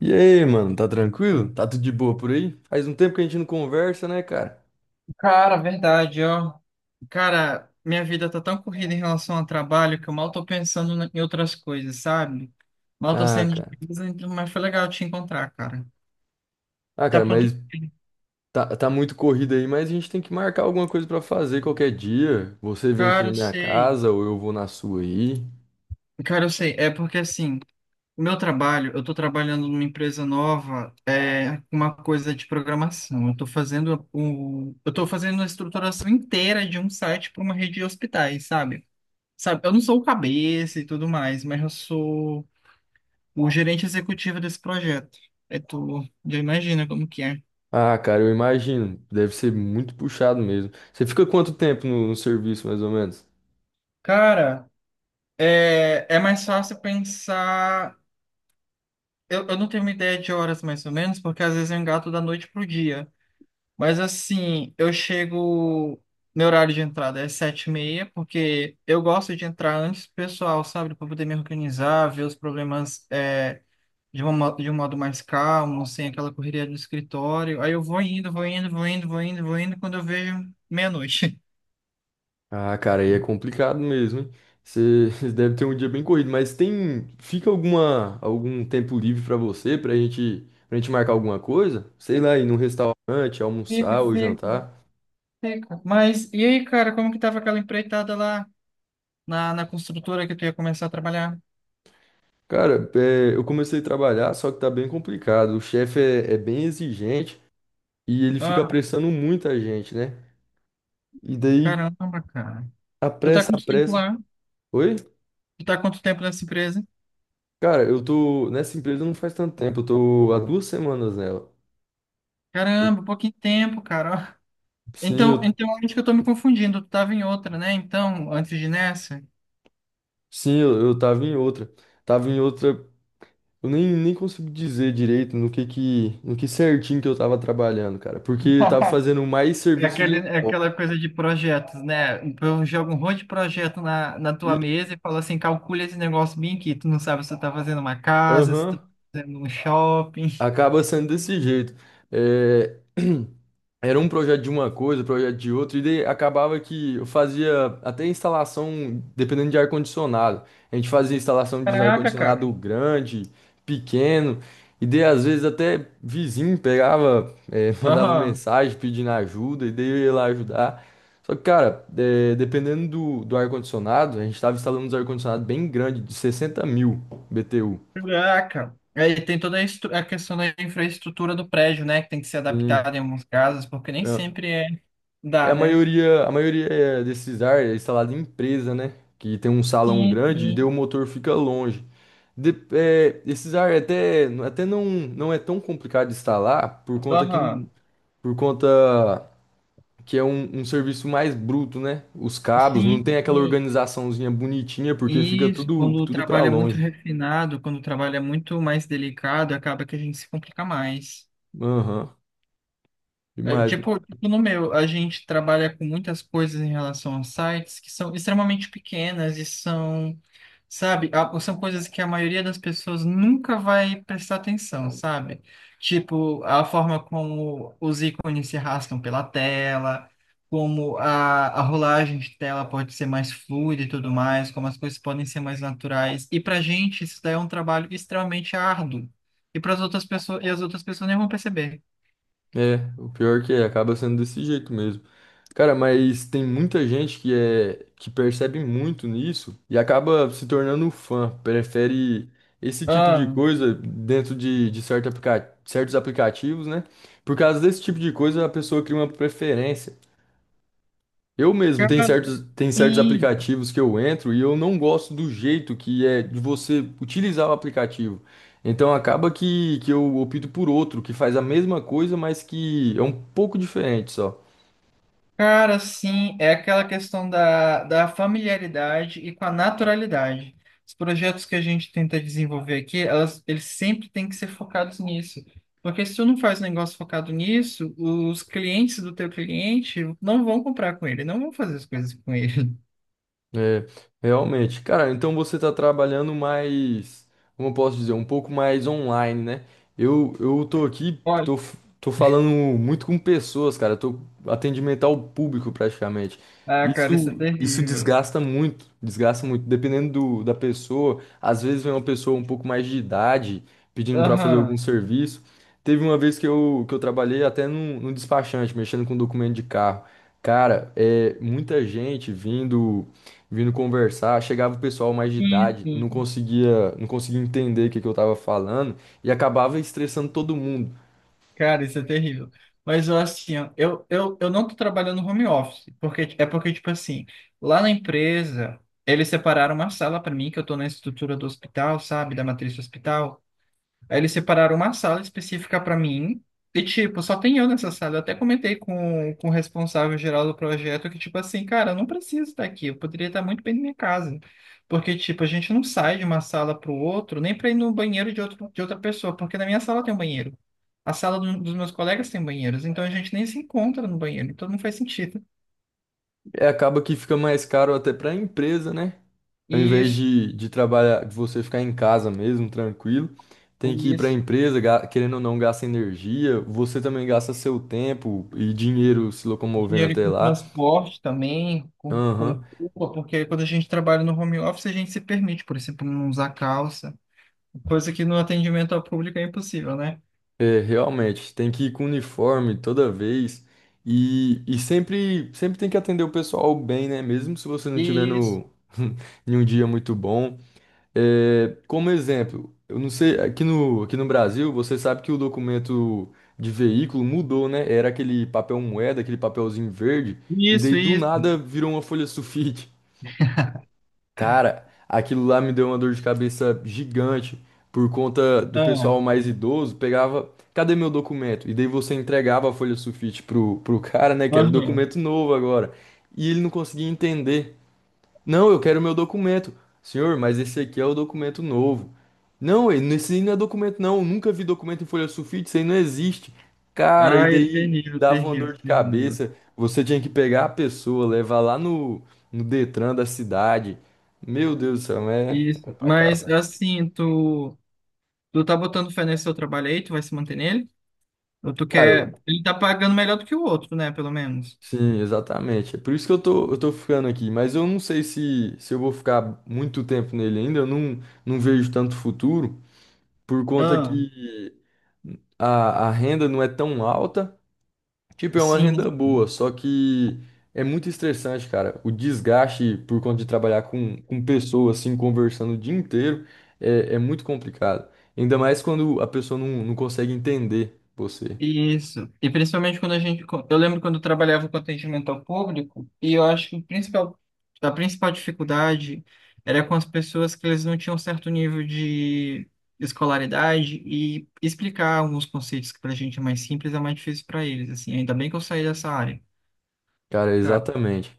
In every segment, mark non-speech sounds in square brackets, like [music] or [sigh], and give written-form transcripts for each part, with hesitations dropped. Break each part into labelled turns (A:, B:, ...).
A: E aí, mano, tá tranquilo? Tá tudo de boa por aí? Faz um tempo que a gente não conversa, né, cara?
B: Cara, verdade, ó. Cara, minha vida tá tão corrida em relação ao trabalho que eu mal tô pensando em outras coisas, sabe? Mal tô
A: Ah,
B: saindo de
A: cara.
B: casa, mas foi legal te encontrar, cara.
A: Ah,
B: Tá
A: cara,
B: pronto?
A: mas tá muito corrido aí, mas a gente tem que marcar alguma coisa pra fazer qualquer dia. Você vem aqui
B: Cara,
A: na
B: eu
A: minha
B: sei.
A: casa ou eu vou na sua aí.
B: Cara, eu sei. É porque assim, o meu trabalho, eu tô trabalhando numa empresa nova, é uma coisa de programação. Eu tô fazendo a estruturação inteira de um site para uma rede de hospitais, sabe? Sabe, eu não sou o cabeça e tudo mais, mas eu sou o gerente executivo desse projeto. Aí tu já imagina como que é.
A: Ah, cara, eu imagino. Deve ser muito puxado mesmo. Você fica quanto tempo no serviço, mais ou menos?
B: Cara, é mais fácil pensar. Eu não tenho uma ideia de horas mais ou menos, porque às vezes eu engato da noite pro dia. Mas assim, eu chego. Meu horário de entrada é 7:30, porque eu gosto de entrar antes do pessoal, sabe? Para poder me organizar, ver os problemas de um modo mais calmo, sem aquela correria do escritório. Aí eu vou indo, vou indo, vou indo, vou indo, vou indo, quando eu vejo meia-noite.
A: Ah, cara, aí é complicado mesmo, hein? Você [laughs] deve ter um dia bem corrido, mas fica algum tempo livre pra você, pra gente marcar alguma coisa? Sei lá, ir num restaurante,
B: Fica,
A: almoçar ou
B: fica,
A: jantar.
B: fica. Mas e aí, cara, como que tava aquela empreitada lá na construtora que tu ia começar a trabalhar?
A: Cara, é, eu comecei a trabalhar, só que tá bem complicado. O chefe é bem exigente e ele fica
B: Ah,
A: apressando muita gente, né? E daí
B: caramba, cara. Tu tá
A: apressa,
B: quanto tempo
A: apressa.
B: lá?
A: Oi?
B: Tu tá quanto tempo nessa empresa?
A: Cara, eu tô nessa empresa não faz tanto tempo, eu tô há 2 semanas nela. Eu-
B: Caramba, pouquinho tempo, cara. Ó.
A: Sim,
B: Então, então acho que eu tô me confundindo. Tu tava em outra, né? Então, antes de nessa.
A: Eu tava em outra. Tava em outra. Eu nem consigo dizer direito no que certinho que eu tava trabalhando, cara. Porque eu tava fazendo mais serviço
B: É aquela coisa de projetos, né? Eu jogo um monte de projeto na tua
A: geral.
B: mesa e falo assim, calcula esse negócio bem aqui. Tu não sabe se tu tá fazendo uma casa, se tu tá fazendo um shopping.
A: Acaba sendo desse jeito. É, [clears throat] era um projeto de uma coisa, projeto de outra, e daí acabava que eu fazia até instalação, dependendo de ar-condicionado. A gente fazia instalação de um
B: Caraca,
A: ar-condicionado
B: cara.
A: grande, pequeno, e daí às vezes até vizinho pegava, [laughs] mandava
B: Aham.
A: mensagem pedindo ajuda, e daí eu ia lá ajudar. Só que, cara, dependendo do ar-condicionado, a gente estava instalando uns ar-condicionado bem grande, de 60.000 BTU.
B: Caraca. Aí tem toda a questão da infraestrutura do prédio, né? Que tem que ser
A: Sim.
B: adaptada em alguns casos, porque nem
A: É,
B: sempre é
A: e
B: dá,
A: a
B: né?
A: maioria, a maioria é desses ar é instalado em empresa, né? Que tem um salão
B: Sim,
A: grande e daí
B: sim.
A: o motor fica longe. De- é, esses ar até não, é tão complicado de instalar por conta que, não-
B: Aham.
A: por conta que é um serviço mais bruto, né? Os cabos
B: Sim,
A: não tem aquela
B: sim.
A: organizaçãozinha bonitinha porque fica
B: Isso,
A: tudo,
B: quando o
A: tudo para
B: trabalho é muito
A: longe.
B: refinado, quando o trabalho é muito mais delicado, acaba que a gente se complica mais.
A: Aham,
B: É,
A: demais.
B: tipo, no meu, a gente trabalha com muitas coisas em relação aos sites que são extremamente pequenas e são sabe? São coisas que a maioria das pessoas nunca vai prestar atenção, sabe? Tipo, a forma como os ícones se arrastam pela tela, como a rolagem de tela pode ser mais fluida e tudo mais, como as coisas podem ser mais naturais. E pra gente, isso daí é um trabalho extremamente árduo. E as outras pessoas nem vão perceber.
A: É, o pior que é, acaba sendo desse jeito mesmo. Cara, mas tem muita gente que é que percebe muito nisso e acaba se tornando fã, prefere esse tipo de
B: Ah,
A: coisa dentro de certos aplicativos, né? Por causa desse tipo de coisa, a pessoa cria uma preferência. Eu mesmo, tem
B: cara,
A: certos, tem certos
B: sim.
A: aplicativos que eu entro e eu não gosto do jeito que é de você utilizar o aplicativo. Então acaba que eu opto por outro, que faz a mesma coisa, mas que é um pouco diferente só.
B: Cara, sim, é aquela questão da familiaridade e com a naturalidade. Os projetos que a gente tenta desenvolver aqui, eles sempre têm que ser focados nisso. Porque se tu não faz um negócio focado nisso, os clientes do teu cliente não vão comprar com ele, não vão fazer as coisas com ele.
A: É, realmente. Cara, então você tá trabalhando mais, como eu posso dizer, um pouco mais online, né? Eu tô aqui,
B: [laughs] Olha.
A: tô falando muito com pessoas, cara. Tô atendimento ao público praticamente.
B: Ah, cara, isso é
A: Isso
B: terrível.
A: desgasta muito, desgasta muito. Dependendo da pessoa, às vezes vem uma pessoa um pouco mais de idade pedindo pra fazer algum
B: Aham.
A: serviço. Teve uma vez que eu trabalhei até num despachante, mexendo com documento de carro. Cara, é muita gente vindo conversar, chegava o pessoal mais de
B: Sim,
A: idade, não
B: sim.
A: conseguia, não conseguia entender o que que eu tava falando e acabava estressando todo mundo.
B: Cara, isso é terrível. Mas eu assim, ó, eu não tô trabalhando home office, porque, tipo assim, lá na empresa, eles separaram uma sala para mim, que eu tô na estrutura do hospital, sabe, da matriz do hospital. Aí eles separaram uma sala específica para mim. E, tipo, só tem eu nessa sala. Eu até comentei com, o responsável geral do projeto que, tipo assim, cara, eu não preciso estar aqui. Eu poderia estar muito bem na minha casa. Porque, tipo, a gente não sai de uma sala para o outro, nem para ir no banheiro de outra pessoa. Porque na minha sala tem um banheiro. A sala dos meus colegas tem banheiros. Então a gente nem se encontra no banheiro. Então não faz sentido.
A: É, acaba que fica mais caro até para a empresa, né? Ao invés
B: Isso,
A: de trabalhar, de você ficar em casa mesmo, tranquilo, tem que ir para a
B: isso.
A: empresa, querendo ou não, gasta energia, você também gasta seu tempo e dinheiro se locomovendo
B: Dinheiro
A: até
B: com
A: lá.
B: transporte também, com,
A: Aham.
B: roupa, porque quando a gente trabalha no home office, a gente se permite, por exemplo, não usar calça, coisa que no atendimento ao público é impossível, né?
A: É, realmente, tem que ir com uniforme toda vez e sempre tem que atender o pessoal bem, né? Mesmo se você não tiver
B: Isso,
A: no, [laughs] em um dia muito bom. É, como exemplo, eu não sei, aqui no Brasil, você sabe que o documento de veículo mudou, né? Era aquele papel moeda, aquele papelzinho verde, e daí
B: isso,
A: do
B: isso.
A: nada virou uma folha sulfite. Cara, aquilo lá me deu uma dor de cabeça gigante por conta do
B: Ah,
A: pessoal mais idoso. Pegava, cadê meu documento? E daí você entregava a folha sulfite pro [laughs] cara, né? Que era o
B: aham.
A: documento novo agora. E ele não conseguia entender. Não, eu quero meu documento. Senhor, mas esse aqui é o documento novo. Não, esse aí não é documento, não. Eu nunca vi documento em folha sulfite, isso aí não existe. Cara, e
B: Ai, é
A: daí
B: terrível,
A: dava uma
B: terrível,
A: dor de
B: terrível.
A: cabeça. Você tinha que pegar a pessoa, levar lá no Detran da cidade. Meu Deus do céu, é, é
B: Isso.
A: pra
B: Mas
A: acabar.
B: assim, tu tá botando fé nesse seu trabalho aí, tu vai se manter nele? Ou tu
A: Cara,
B: quer. Ele tá pagando melhor do que o outro, né? Pelo menos.
A: sim, exatamente. É por isso que eu tô ficando aqui. Mas eu não sei se eu vou ficar muito tempo nele ainda. Eu não vejo tanto futuro por conta
B: Ah,
A: que a renda não é tão alta. Tipo, é uma
B: sim.
A: renda boa, só que é muito estressante, cara. O desgaste por conta de trabalhar com pessoas, assim, conversando o dia inteiro, é muito complicado. Ainda mais quando a pessoa não consegue entender você.
B: Isso. E principalmente quando a gente. Eu lembro quando eu trabalhava com atendimento ao público, e eu acho que a principal dificuldade era com as pessoas que eles não tinham certo nível de escolaridade e explicar alguns conceitos que para a gente é mais simples é mais difícil para eles, assim. Ainda bem que eu saí dessa área.
A: Cara,
B: Cara,
A: exatamente.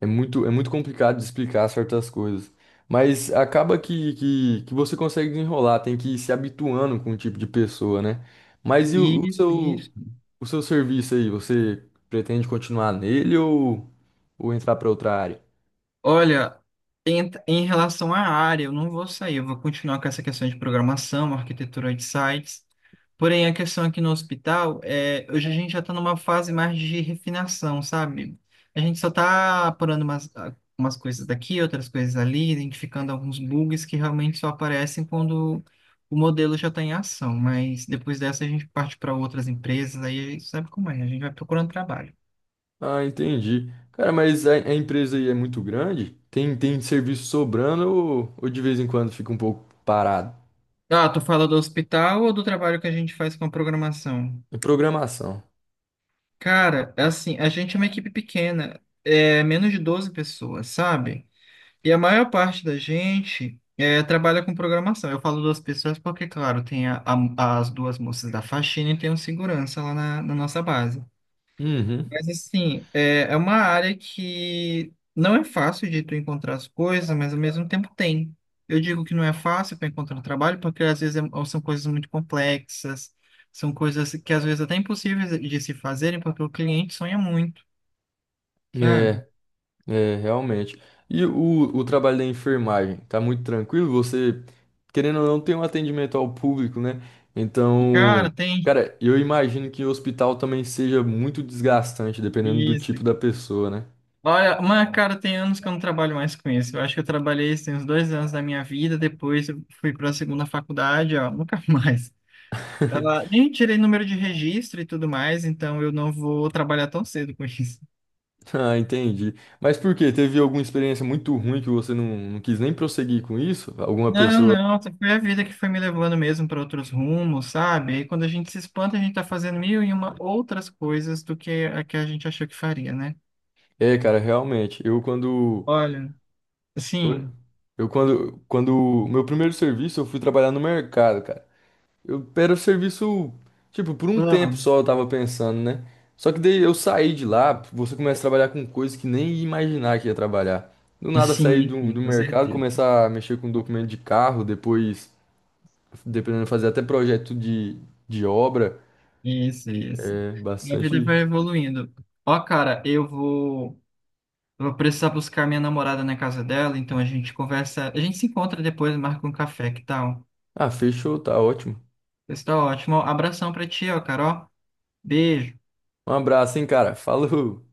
A: É muito complicado de explicar certas coisas. Mas acaba que, que você consegue desenrolar, tem que ir se habituando com o tipo de pessoa, né? Mas e o, o
B: isso, isso.
A: seu, O seu serviço aí, você pretende continuar nele ou entrar para outra área?
B: Olha, em, relação à área, eu não vou sair, eu vou continuar com essa questão de programação, arquitetura de sites. Porém, a questão aqui no hospital é, hoje a gente já está numa fase mais de refinação, sabe? A gente só está apurando umas coisas daqui, outras coisas ali, identificando alguns bugs que realmente só aparecem quando o modelo já está em ação. Mas depois dessa a gente parte para outras empresas, aí sabe como é, a gente vai procurando trabalho.
A: Ah, entendi. Cara, mas a empresa aí é muito grande? Tem serviço sobrando ou de vez em quando fica um pouco parado?
B: Ah, tu fala do hospital ou do trabalho que a gente faz com a programação?
A: É programação.
B: Cara, assim, a gente é uma equipe pequena, é menos de 12 pessoas, sabe? E a maior parte da gente trabalha com programação. Eu falo duas pessoas porque, claro, tem as duas moças da faxina e tem um segurança lá na, nossa base.
A: Uhum.
B: Mas assim, é uma área que não é fácil de tu encontrar as coisas, mas ao mesmo tempo tem. Eu digo que não é fácil para encontrar trabalho, porque às vezes são coisas muito complexas, são coisas que às vezes até impossíveis de se fazerem, porque o cliente sonha muito, sabe?
A: É, é, realmente. E o trabalho da enfermagem? Tá muito tranquilo? Você, querendo ou não, tem um atendimento ao público, né? Então,
B: Cara, tem
A: cara, eu imagino que o hospital também seja muito desgastante, dependendo do
B: isso.
A: tipo da pessoa, né?
B: Olha, mas cara, tem anos que eu não trabalho mais com isso. Eu acho que eu trabalhei, isso tem uns 2 anos da minha vida, depois eu fui para a segunda faculdade, ó, [laughs] nunca mais.
A: [laughs]
B: Nem tirei número de registro e tudo mais, então eu não vou trabalhar tão cedo com isso.
A: Ah, entendi. Mas por quê? Teve alguma experiência muito ruim que você não quis nem prosseguir com isso? Alguma
B: Não,
A: pessoa.
B: não, foi a vida que foi me levando mesmo para outros rumos, sabe? Aí quando a gente se espanta, a gente tá fazendo mil e uma outras coisas do que a gente achou que faria, né?
A: É, cara, realmente. Eu quando.
B: Olha,
A: Oi?
B: assim,
A: Eu quando. Quando. Meu primeiro serviço, eu fui trabalhar no mercado, cara. Eu era o serviço. Tipo, por um tempo
B: amo.
A: só eu tava pensando, né? Só que daí eu saí de lá, você começa a trabalhar com coisas que nem ia imaginar que ia trabalhar. Do nada sair
B: Sim,
A: do,
B: sim,
A: do
B: com
A: mercado,
B: certeza.
A: começar a mexer com documento de carro, depois, dependendo, fazer até projeto de obra.
B: Isso, isso.
A: É,
B: Minha vida
A: bastante.
B: vai evoluindo. Ó, cara, eu vou, precisar buscar minha namorada na casa dela, então a gente conversa, a gente se encontra depois, marca um café, que tal?
A: Ah, fechou, tá ótimo.
B: Pessoal, ótimo abração pra ti, ó, Carol. Beijo.
A: Um abraço, hein, cara. Falou!